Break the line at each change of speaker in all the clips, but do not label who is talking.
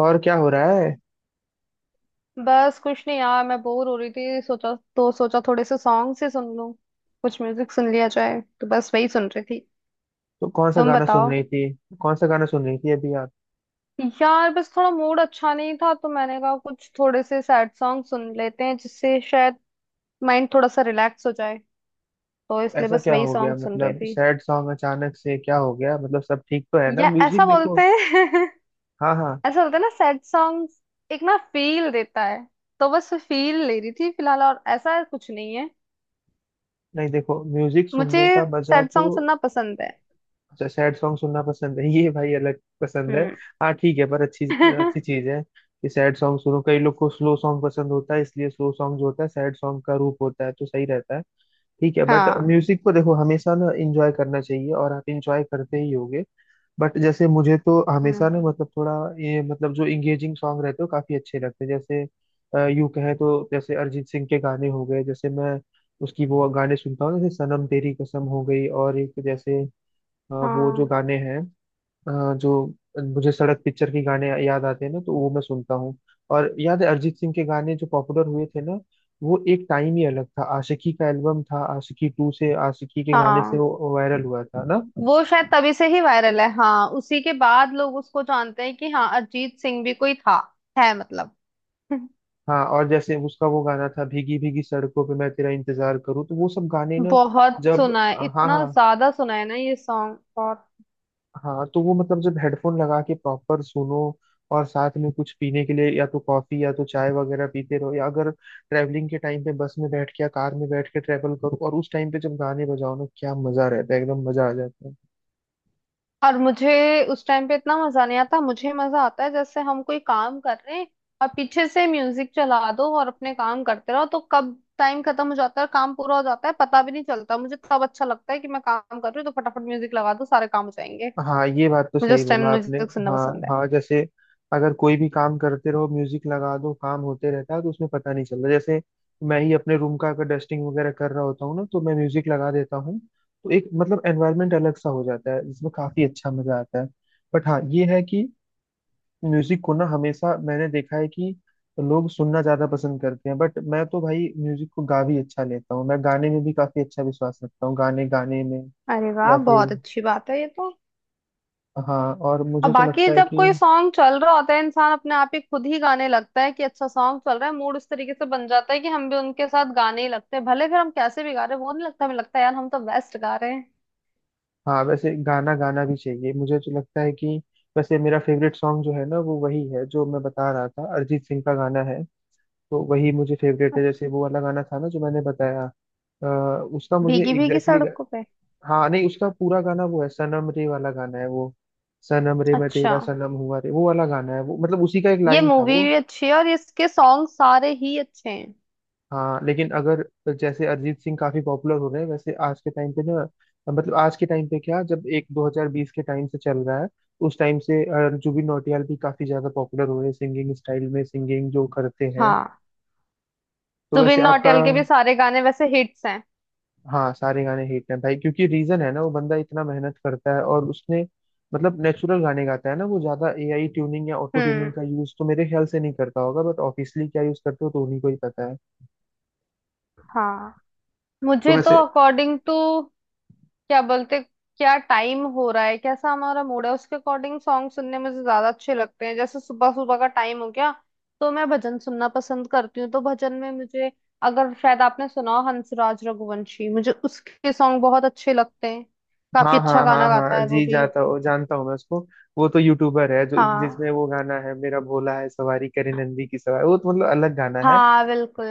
और क्या हो रहा है।
बस कुछ नहीं यार, मैं बोर हो रही थी। सोचा थोड़े से सॉन्ग से सुन लूं, कुछ म्यूजिक सुन लिया जाए। तो बस वही सुन रही थी।
तो कौन सा
तुम
गाना सुन
बताओ।
रही थी? कौन सा गाना सुन रही थी अभी आप?
यार बस थोड़ा मूड अच्छा नहीं था, तो मैंने कहा कुछ थोड़े से सैड सॉन्ग सुन लेते हैं, जिससे शायद माइंड थोड़ा सा रिलैक्स हो जाए। तो
तो
इसलिए
ऐसा
बस
क्या
वही
हो गया,
सॉन्ग सुन रही
मतलब
थी।
सैड सॉन्ग अचानक से क्या हो गया, मतलब सब ठीक तो है ना?
या ऐसा
म्यूजिक देखो।
बोलते हैं।
हाँ हाँ।
ऐसा बोलते हैं ना सैड सॉन्ग, एक ना फील देता है। तो बस फील ले रही थी फिलहाल, और ऐसा कुछ नहीं है।
नहीं देखो, म्यूजिक
मुझे
सुनने का मजा
सैड
तो
सॉन्ग सुनना पसंद है।
सैड सॉन्ग सुनना पसंद है। ये भाई अलग पसंद है।
हम्म।
हाँ ठीक है पर अच्छी अच्छी चीज है कि सैड सॉन्ग सुनो। कई लोग को स्लो सॉन्ग पसंद होता है, इसलिए स्लो सॉन्ग जो होता है सैड सॉन्ग का रूप होता है, तो सही रहता है। ठीक है बट
हाँ।
म्यूजिक को देखो हमेशा ना इंजॉय करना चाहिए और आप इंजॉय करते ही होगे। बट जैसे मुझे तो हमेशा
हम्म।
ना, मतलब थोड़ा ये, मतलब जो इंगेजिंग सॉन्ग रहते हो काफी अच्छे लगते हैं। जैसे यूं कहे तो, जैसे अरिजीत सिंह के गाने हो गए, जैसे मैं उसकी वो गाने सुनता हूँ, जैसे सनम तेरी कसम हो गई, और एक जैसे वो जो
हाँ,
गाने हैं, जो मुझे सड़क पिक्चर के गाने याद आते हैं ना, तो वो मैं सुनता हूँ। और याद है अरिजीत सिंह के गाने जो पॉपुलर हुए थे ना, वो एक टाइम ही अलग था। आशिकी का एल्बम था, आशिकी टू से आशिकी के गाने से
हाँ,
वो वायरल हुआ था ना।
वो शायद तभी से ही वायरल है। हाँ, उसी के बाद लोग उसको जानते हैं कि हाँ अरिजीत सिंह भी कोई था है मतलब।
हाँ, और जैसे उसका वो गाना था, भीगी भीगी सड़कों पे मैं तेरा इंतजार करूँ, तो वो सब गाने ना,
बहुत
जब
सुना है,
हाँ
इतना
हाँ
ज्यादा सुना है ना ये सॉन्ग। और
हाँ, तो वो मतलब जब हेडफोन लगा के प्रॉपर सुनो और साथ में कुछ पीने के लिए या तो कॉफी या तो चाय वगैरह पीते रहो, या अगर ट्रैवलिंग के टाइम पे बस में बैठ के या कार में बैठ के ट्रैवल करो और उस टाइम पे जब गाने बजाओ ना, क्या मजा रहता है, एकदम मजा आ जाता है।
और मुझे उस टाइम पे इतना मजा नहीं आता। मुझे मजा आता है जैसे हम कोई काम कर रहे हैं और पीछे से म्यूजिक चला दो और अपने काम करते रहो, तो कब टाइम खत्म हो जाता है और काम पूरा हो जाता है पता भी नहीं चलता। मुझे तब अच्छा लगता है कि मैं काम कर रही हूँ, तो फटाफट म्यूजिक लगा दो सारे काम हो जाएंगे।
हाँ ये बात तो
मुझे
सही
उस
बोला
टाइम
आपने।
म्यूजिक सुनना
हाँ
पसंद है।
हाँ, जैसे अगर कोई भी काम करते रहो म्यूजिक लगा दो, काम होते रहता है तो उसमें पता नहीं चलता। जैसे मैं ही अपने रूम का अगर डस्टिंग वगैरह कर रहा होता हूँ ना, तो मैं म्यूजिक लगा देता हूँ, तो एक मतलब एनवायरनमेंट अलग सा हो जाता है जिसमें काफी अच्छा मजा आता है। बट हाँ ये है कि म्यूजिक को ना हमेशा मैंने देखा है कि लोग सुनना ज्यादा पसंद करते हैं, बट मैं तो भाई म्यूजिक को गा भी अच्छा लेता हूँ। मैं गाने में भी काफी अच्छा विश्वास रखता हूँ, गाने गाने में।
अरे वाह,
या फिर
बहुत अच्छी बात है ये तो।
हाँ, और
अब
मुझे तो
बाकी
लगता है
जब
कि
कोई सॉन्ग चल रहा होता है, इंसान अपने आप ही खुद ही गाने लगता है कि अच्छा सॉन्ग चल रहा है, मूड उस तरीके से बन जाता है कि हम भी उनके साथ गाने ही लगते हैं। भले फिर हम कैसे भी गा रहे हैं वो नहीं लगता, हमें लगता है यार हम तो बेस्ट गा रहे हैं।
हाँ वैसे गाना गाना भी चाहिए, मुझे तो लगता है कि वैसे मेरा फेवरेट सॉन्ग जो है ना वो वही है जो मैं बता रहा था, अरिजीत सिंह का गाना है। तो वही मुझे फेवरेट है, जैसे वो वाला गाना था ना जो मैंने बताया, अ, उसका मुझे
भीगी भीगी
एग्जैक्टली,
सड़कों पे।
हाँ नहीं, उसका पूरा गाना वो है, सनम रे वाला गाना है वो। सनम रे मैं
अच्छा,
तेरा सनम हुआ रे, वो वाला गाना है वो, मतलब उसी का एक
ये
लाइन था
मूवी
वो।
भी अच्छी है और इसके सॉन्ग सारे ही अच्छे हैं।
हाँ लेकिन अगर जैसे अरिजीत सिंह काफी पॉपुलर हो रहे हैं, वैसे आज के टाइम पे ना, मतलब आज के टाइम पे क्या, जब एक 2020 के टाइम से चल रहा है, उस टाइम से जुबिन नौटियाल भी काफी ज्यादा पॉपुलर हो रहे हैं, सिंगिंग स्टाइल में, सिंगिंग जो करते हैं।
हाँ,
तो वैसे
जुबिन
आपका
नौटियाल के भी सारे गाने वैसे हिट्स हैं।
हाँ सारे गाने हिट हैं भाई, क्योंकि रीजन है ना, वो बंदा इतना मेहनत करता है, और उसने मतलब नेचुरल गाने गाता है ना, वो ज्यादा एआई ट्यूनिंग या ऑटो ट्यूनिंग
हम्म।
का यूज तो मेरे ख्याल से नहीं करता होगा, बट ऑफिशियली क्या यूज करते हो तो उन्हीं को ही पता है।
हाँ।
तो
मुझे तो
वैसे
अकॉर्डिंग टू, क्या बोलते क्या टाइम हो रहा है, कैसा हमारा मूड है, उसके अकॉर्डिंग सॉन्ग सुनने मुझे ज्यादा अच्छे लगते हैं। जैसे सुबह सुबह का टाइम हो गया, तो मैं भजन सुनना पसंद करती हूँ। तो भजन में मुझे, अगर शायद आपने सुना हो, हंसराज रघुवंशी, मुझे उसके सॉन्ग बहुत अच्छे लगते हैं। काफी
हाँ
अच्छा
हाँ हाँ
गाना गाता
हाँ,
है वो
जी
भी।
जाता हूँ, जानता हूँ मैं उसको। वो तो यूट्यूबर है, जो जिसमें
हाँ,
वो गाना है मेरा भोला है सवारी करे नंदी की सवारी, वो तो मतलब अलग गाना है।
हाँ, बिल्कुल।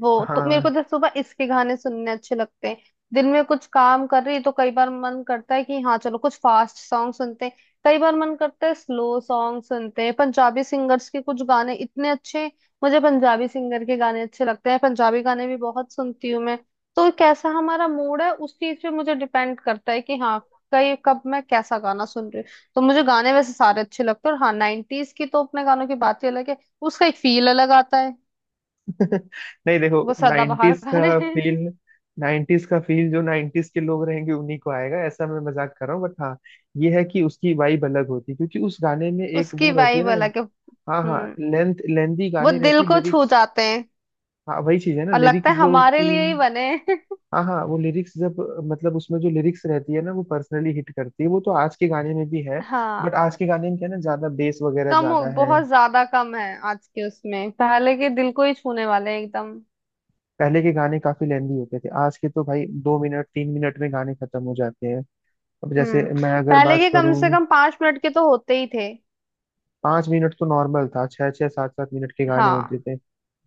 वो, तो मेरे
हाँ।
को तो सुबह इसके गाने सुनने अच्छे लगते हैं। दिन में कुछ काम कर रही तो कई बार मन करता है कि हाँ चलो कुछ फास्ट सॉन्ग सुनते हैं। कई बार मन करता है स्लो सॉन्ग सुनते हैं। पंजाबी सिंगर्स के कुछ गाने इतने अच्छे, मुझे पंजाबी सिंगर के गाने अच्छे लगते हैं, पंजाबी गाने भी बहुत सुनती हूँ मैं। तो कैसा हमारा मूड है उस चीज पे मुझे डिपेंड करता है कि हाँ कई कब मैं कैसा गाना सुन रही हूँ। तो मुझे गाने वैसे सारे अच्छे लगते हैं। और हाँ, नाइनटीज की तो अपने गानों की बात ही अलग है। उसका एक फील अलग आता है।
नहीं देखो,
वो सदाबहार
नाइन्टीज
गाने
का
हैं।
फील, नाइन्टीज का फील जो नाइन्टीज के लोग रहेंगे उन्हीं को आएगा, ऐसा मैं मजाक कर रहा हूँ। बट हाँ ये है कि उसकी वाइब अलग होती है, क्योंकि उस गाने में एक
उसकी
वो रहती है
वाइब
ना।
अलग है।
हाँ हाँ,
हम्म।
लेंथ लेंदी
वो
गाने
दिल
रहते हैं,
को छू
लिरिक्स।
जाते हैं
हाँ वही चीज है ना
और लगता
लिरिक्स,
है
जो
हमारे
उसकी
लिए ही बने हैं।
हाँ हाँ वो लिरिक्स, जब मतलब उसमें जो लिरिक्स रहती है ना, वो पर्सनली हिट करती है, वो तो आज के गाने में भी है।
हाँ,
बट आज के गाने में क्या है ना, ज्यादा बेस वगैरह
कम हो,
ज्यादा है।
बहुत ज्यादा कम है आज के उसमें। पहले के दिल को ही छूने वाले हैं एकदम।
पहले के गाने काफी लेंदी होते थे, आज के तो भाई 2 मिनट 3 मिनट में गाने खत्म हो जाते हैं। अब जैसे
हम्म,
मैं अगर
पहले
बात
के कम से
करूँ,
कम 5 मिनट के तो होते ही थे।
5 मिनट तो नॉर्मल था, छह छह सात सात मिनट के गाने होते
हाँ,
थे।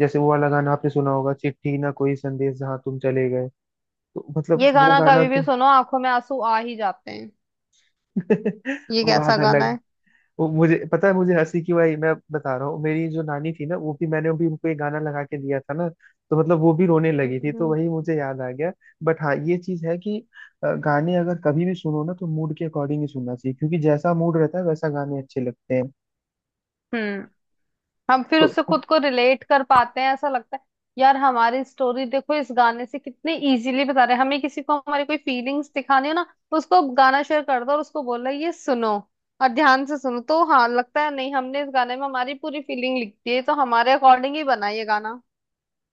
जैसे वो वाला गाना आपने सुना होगा, चिट्ठी ना कोई संदेश जहाँ तुम चले गए, तो मतलब
ये
वो
गाना
गाना
कभी भी
तो
सुनो आंखों में आंसू आ ही जाते हैं। ये
वो
कैसा
गाना
गाना
अलग।
है।
वो मुझे पता है मुझे हंसी क्यों आई, मैं बता रहा हूँ। मेरी जो नानी थी ना, वो भी, मैंने भी उनको ये गाना लगा के दिया था ना, तो मतलब वो भी रोने लगी थी, तो
हम्म।
वही मुझे याद आ गया। बट हाँ ये चीज है कि गाने अगर कभी भी सुनो ना, तो मूड के अकॉर्डिंग ही सुनना चाहिए, क्योंकि जैसा मूड रहता है वैसा गाने अच्छे लगते हैं।
हम्म। हम फिर
तो
उससे खुद को रिलेट कर पाते हैं, ऐसा लगता है। यार हमारी स्टोरी देखो, इस गाने से कितने इजीली बता रहे हैं। हमें किसी को हमारी कोई फीलिंग्स दिखानी हो ना, उसको गाना शेयर कर दो और उसको बोल रहे ये सुनो और ध्यान से सुनो, तो हाँ लगता है, नहीं हमने इस गाने में हमारी पूरी फीलिंग लिख दी है, तो हमारे अकॉर्डिंग ही बना ये गाना।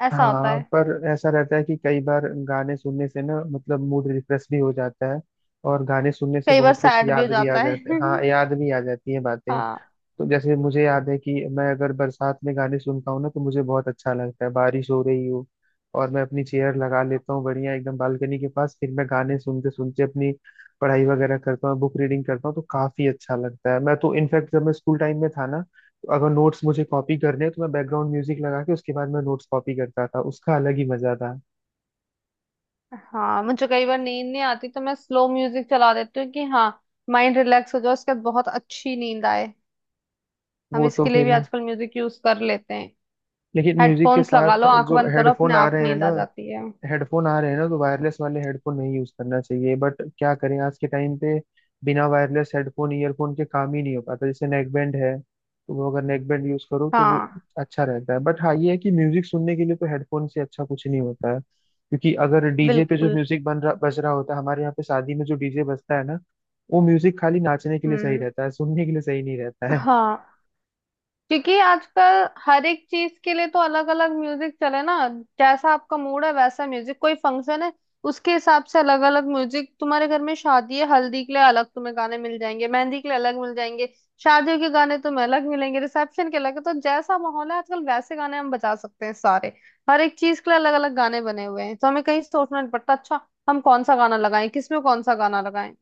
ऐसा होता
हाँ
है।
पर ऐसा रहता है कि कई बार गाने सुनने से ना, मतलब मूड रिफ्रेश भी हो जाता है, और गाने सुनने से
कई बार
बहुत कुछ
सैड भी हो
याद भी आ
जाता
जाता है,
है।
हाँ याद भी आ जाती है बातें।
हाँ।
तो जैसे मुझे याद है कि मैं अगर बरसात में गाने सुनता हूँ ना, तो मुझे बहुत अच्छा लगता है, बारिश हो रही हो और मैं अपनी चेयर लगा लेता हूँ बढ़िया एकदम बालकनी के पास, फिर मैं गाने सुनते सुनते अपनी पढ़ाई वगैरह करता हूँ, बुक रीडिंग करता हूँ, तो काफी अच्छा लगता है। मैं तो इनफैक्ट जब मैं स्कूल टाइम में था ना, तो अगर नोट्स मुझे कॉपी करने हैं, तो मैं बैकग्राउंड म्यूजिक लगा के उसके बाद मैं नोट्स कॉपी करता था, उसका अलग ही मजा था।
हाँ, मुझे कई बार नींद नहीं आती तो मैं स्लो म्यूजिक चला देती हूँ कि हाँ माइंड रिलैक्स हो जाए, उसके बाद बहुत अच्छी नींद आए। हम
वो तो
इसके लिए भी
फिर
आजकल म्यूजिक यूज कर लेते हैं।
लेकिन म्यूजिक के
हेडफोन्स लगा
साथ
लो, आंख
जो
बंद करो, अपने
हेडफोन आ
आप
रहे हैं
नींद
ना,
आ जाती है।
तो वायरलेस वाले हेडफोन नहीं यूज करना चाहिए, बट क्या करें आज के टाइम पे बिना वायरलेस हेडफोन ईयरफोन के काम ही नहीं हो पाता। जैसे नेक बैंड है, तो वो अगर नेक बैंड यूज करो तो वो
हाँ,
अच्छा रहता है। बट हाँ ये है कि म्यूजिक सुनने के लिए तो हेडफोन से अच्छा कुछ नहीं होता है, क्योंकि अगर डीजे पे जो
बिल्कुल।
म्यूजिक बन रहा बज रहा होता है, हमारे यहाँ पे शादी में जो डीजे बजता है ना, वो म्यूजिक खाली नाचने के लिए सही
हम्म।
रहता है, सुनने के लिए सही नहीं रहता है।
हाँ, क्योंकि आजकल हर एक चीज के लिए तो अलग अलग म्यूजिक चले ना। जैसा आपका मूड है वैसा म्यूजिक, कोई फंक्शन है उसके हिसाब से अलग अलग म्यूजिक। तुम्हारे घर में शादी है, हल्दी के लिए अलग तुम्हें गाने मिल जाएंगे, मेहंदी के लिए अलग मिल जाएंगे, शादियों के गाने तुम्हें अलग मिलेंगे, रिसेप्शन के अलग। तो जैसा माहौल है आजकल वैसे गाने हम बजा सकते हैं सारे। हर एक चीज के लिए अलग अलग गाने बने हुए हैं, तो हमें कहीं सोचना नहीं पड़ता अच्छा हम कौन सा गाना लगाएं, किसमें कौन सा गाना लगाएं।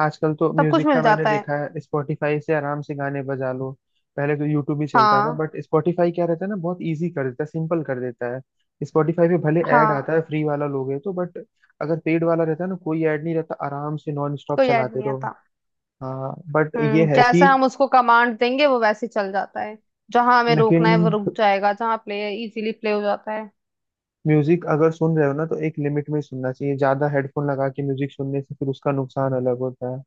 आजकल तो
सब कुछ
म्यूजिक का
मिल
मैंने
जाता है।
देखा है स्पॉटिफाई से आराम से गाने बजा लो। पहले तो यूट्यूब ही चलता था,
हाँ।
बट स्पॉटिफाई क्या रहता है ना, बहुत इजी कर देता है, सिंपल कर देता है। स्पॉटिफाई पे भले ऐड आता
हाँ,
है फ्री वाला लोगे तो, बट अगर पेड वाला रहता है ना, कोई ऐड नहीं रहता, आराम से नॉन स्टॉप
कोई ऐड
चलाते
नहीं
रहो।
आता।
हाँ बट ये
हम्म,
है कि
जैसा हम उसको कमांड देंगे वो वैसे चल जाता है। जहां हमें
लेकिन
रोकना है वो रुक जाएगा, जहां प्ले इजीली प्ले हो जाता है।
म्यूजिक अगर सुन रहे हो ना, तो एक लिमिट में ही सुनना चाहिए, ज्यादा हेडफोन लगा के म्यूजिक सुनने से फिर उसका नुकसान अलग होता है।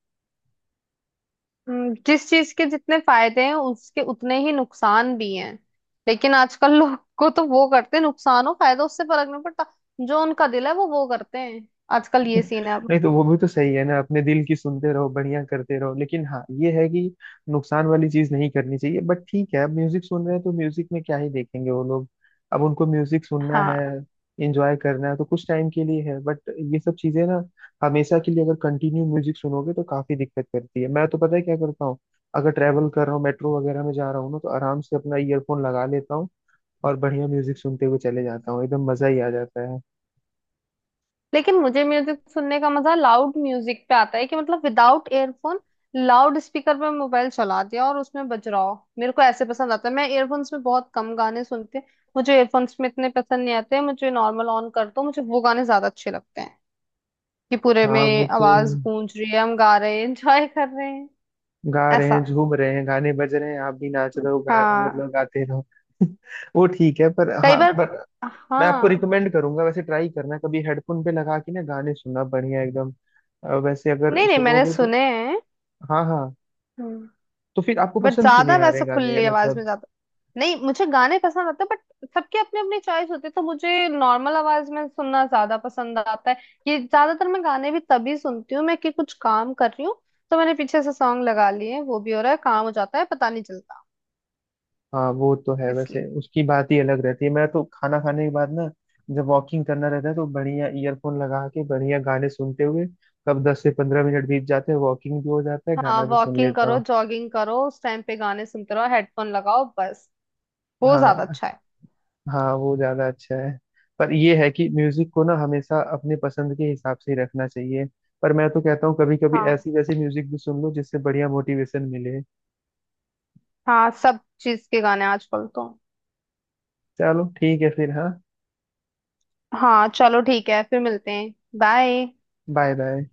जिस चीज के जितने फायदे हैं उसके उतने ही नुकसान भी हैं। लेकिन आजकल लोग को तो वो करते हैं, नुकसान हो फायदा उससे फर्क नहीं पड़ता, जो उनका दिल है वो करते हैं। आजकल ये सीन है अब।
नहीं तो वो भी तो सही है ना, अपने दिल की सुनते रहो, बढ़िया करते रहो, लेकिन हाँ ये है कि नुकसान वाली चीज नहीं करनी चाहिए। बट ठीक है, अब म्यूजिक सुन रहे हैं तो म्यूजिक में क्या ही देखेंगे वो लोग, अब उनको म्यूजिक सुनना है,
हाँ।
एंजॉय करना है, तो कुछ टाइम के लिए है। बट ये सब चीजें ना हमेशा के लिए अगर कंटिन्यू म्यूजिक सुनोगे तो काफी दिक्कत करती है। मैं तो पता है क्या करता हूँ, अगर ट्रैवल कर रहा हूँ मेट्रो वगैरह में जा रहा हूँ ना, तो आराम से अपना ईयरफोन लगा लेता हूँ और बढ़िया म्यूजिक सुनते हुए चले जाता हूँ, एकदम मजा ही आ जाता है।
लेकिन मुझे म्यूजिक सुनने का मजा लाउड म्यूजिक पे आता है, कि मतलब विदाउट एयरफोन, लाउड स्पीकर पे मोबाइल चला दिया और उसमें बज रहा हो, मेरे को ऐसे पसंद आता है। मैं एयरफोन्स में बहुत कम गाने सुनती हूँ। मुझे एयरफोन्स में इतने पसंद नहीं आते, मुझे नॉर्मल ऑन कर दो, मुझे वो गाने ज्यादा अच्छे लगते हैं कि पूरे
हाँ वो
में
तो
आवाज गूंज रही है, हम गा रहे हैं, एंजॉय कर रहे हैं।
गा रहे
ऐसा।
हैं, झूम रहे हैं, गाने बज रहे हैं, आप भी नाच रहे हो, गा मतलब
हाँ,
गाते रहो। वो ठीक है पर
कई
हाँ
बार।
पर मैं आपको
हाँ।
रिकमेंड करूंगा, वैसे ट्राई करना कभी हेडफोन पे लगा के ना गाने सुनना, बढ़िया एकदम। वैसे अगर
नहीं नहीं, मैंने
सुनोगे तो
सुने हैं।
हाँ हाँ।
हम्म।
तो फिर आपको
बट
पसंद क्यों
ज्यादा
नहीं आ रहे
वैसे
गाने,
खुली आवाज में
मतलब
ज्यादा, नहीं मुझे गाने पसंद आते हैं, बट सबके अपने अपनी चॉइस होती है, तो मुझे नॉर्मल आवाज में सुनना ज्यादा पसंद आता है। ये ज्यादातर मैं गाने भी तभी सुनती हूँ मैं कि कुछ काम कर रही हूँ, तो मैंने पीछे से सॉन्ग लगा लिए हैं, वो भी हो रहा है, काम हो जाता है पता नहीं चलता
हाँ वो तो है, वैसे
इसलिए।
उसकी बात ही अलग रहती है। मैं तो खाना खाने के बाद ना, जब वॉकिंग करना रहता है तो बढ़िया ईयरफोन लगा के बढ़िया गाने सुनते हुए कब 10 से 15 मिनट बीत जाते हैं, वॉकिंग भी हो जाता है
हाँ,
गाना भी सुन
वॉकिंग
लेता
करो,
हूँ।
जॉगिंग करो, उस टाइम पे गाने सुनते रहो, हेडफोन लगाओ बस, वो
हाँ
ज्यादा
हाँ।
अच्छा है।
हाँ वो ज्यादा अच्छा है पर ये है कि म्यूजिक को ना हमेशा अपने पसंद के हिसाब से ही रखना चाहिए। पर मैं तो कहता हूँ कभी कभी
हाँ।
ऐसी वैसी म्यूजिक भी सुन लो जिससे बढ़िया मोटिवेशन मिले।
हाँ, सब चीज के गाने आजकल तो।
चलो ठीक है फिर हाँ।
हाँ चलो ठीक है, फिर मिलते हैं। बाय।
Bye bye.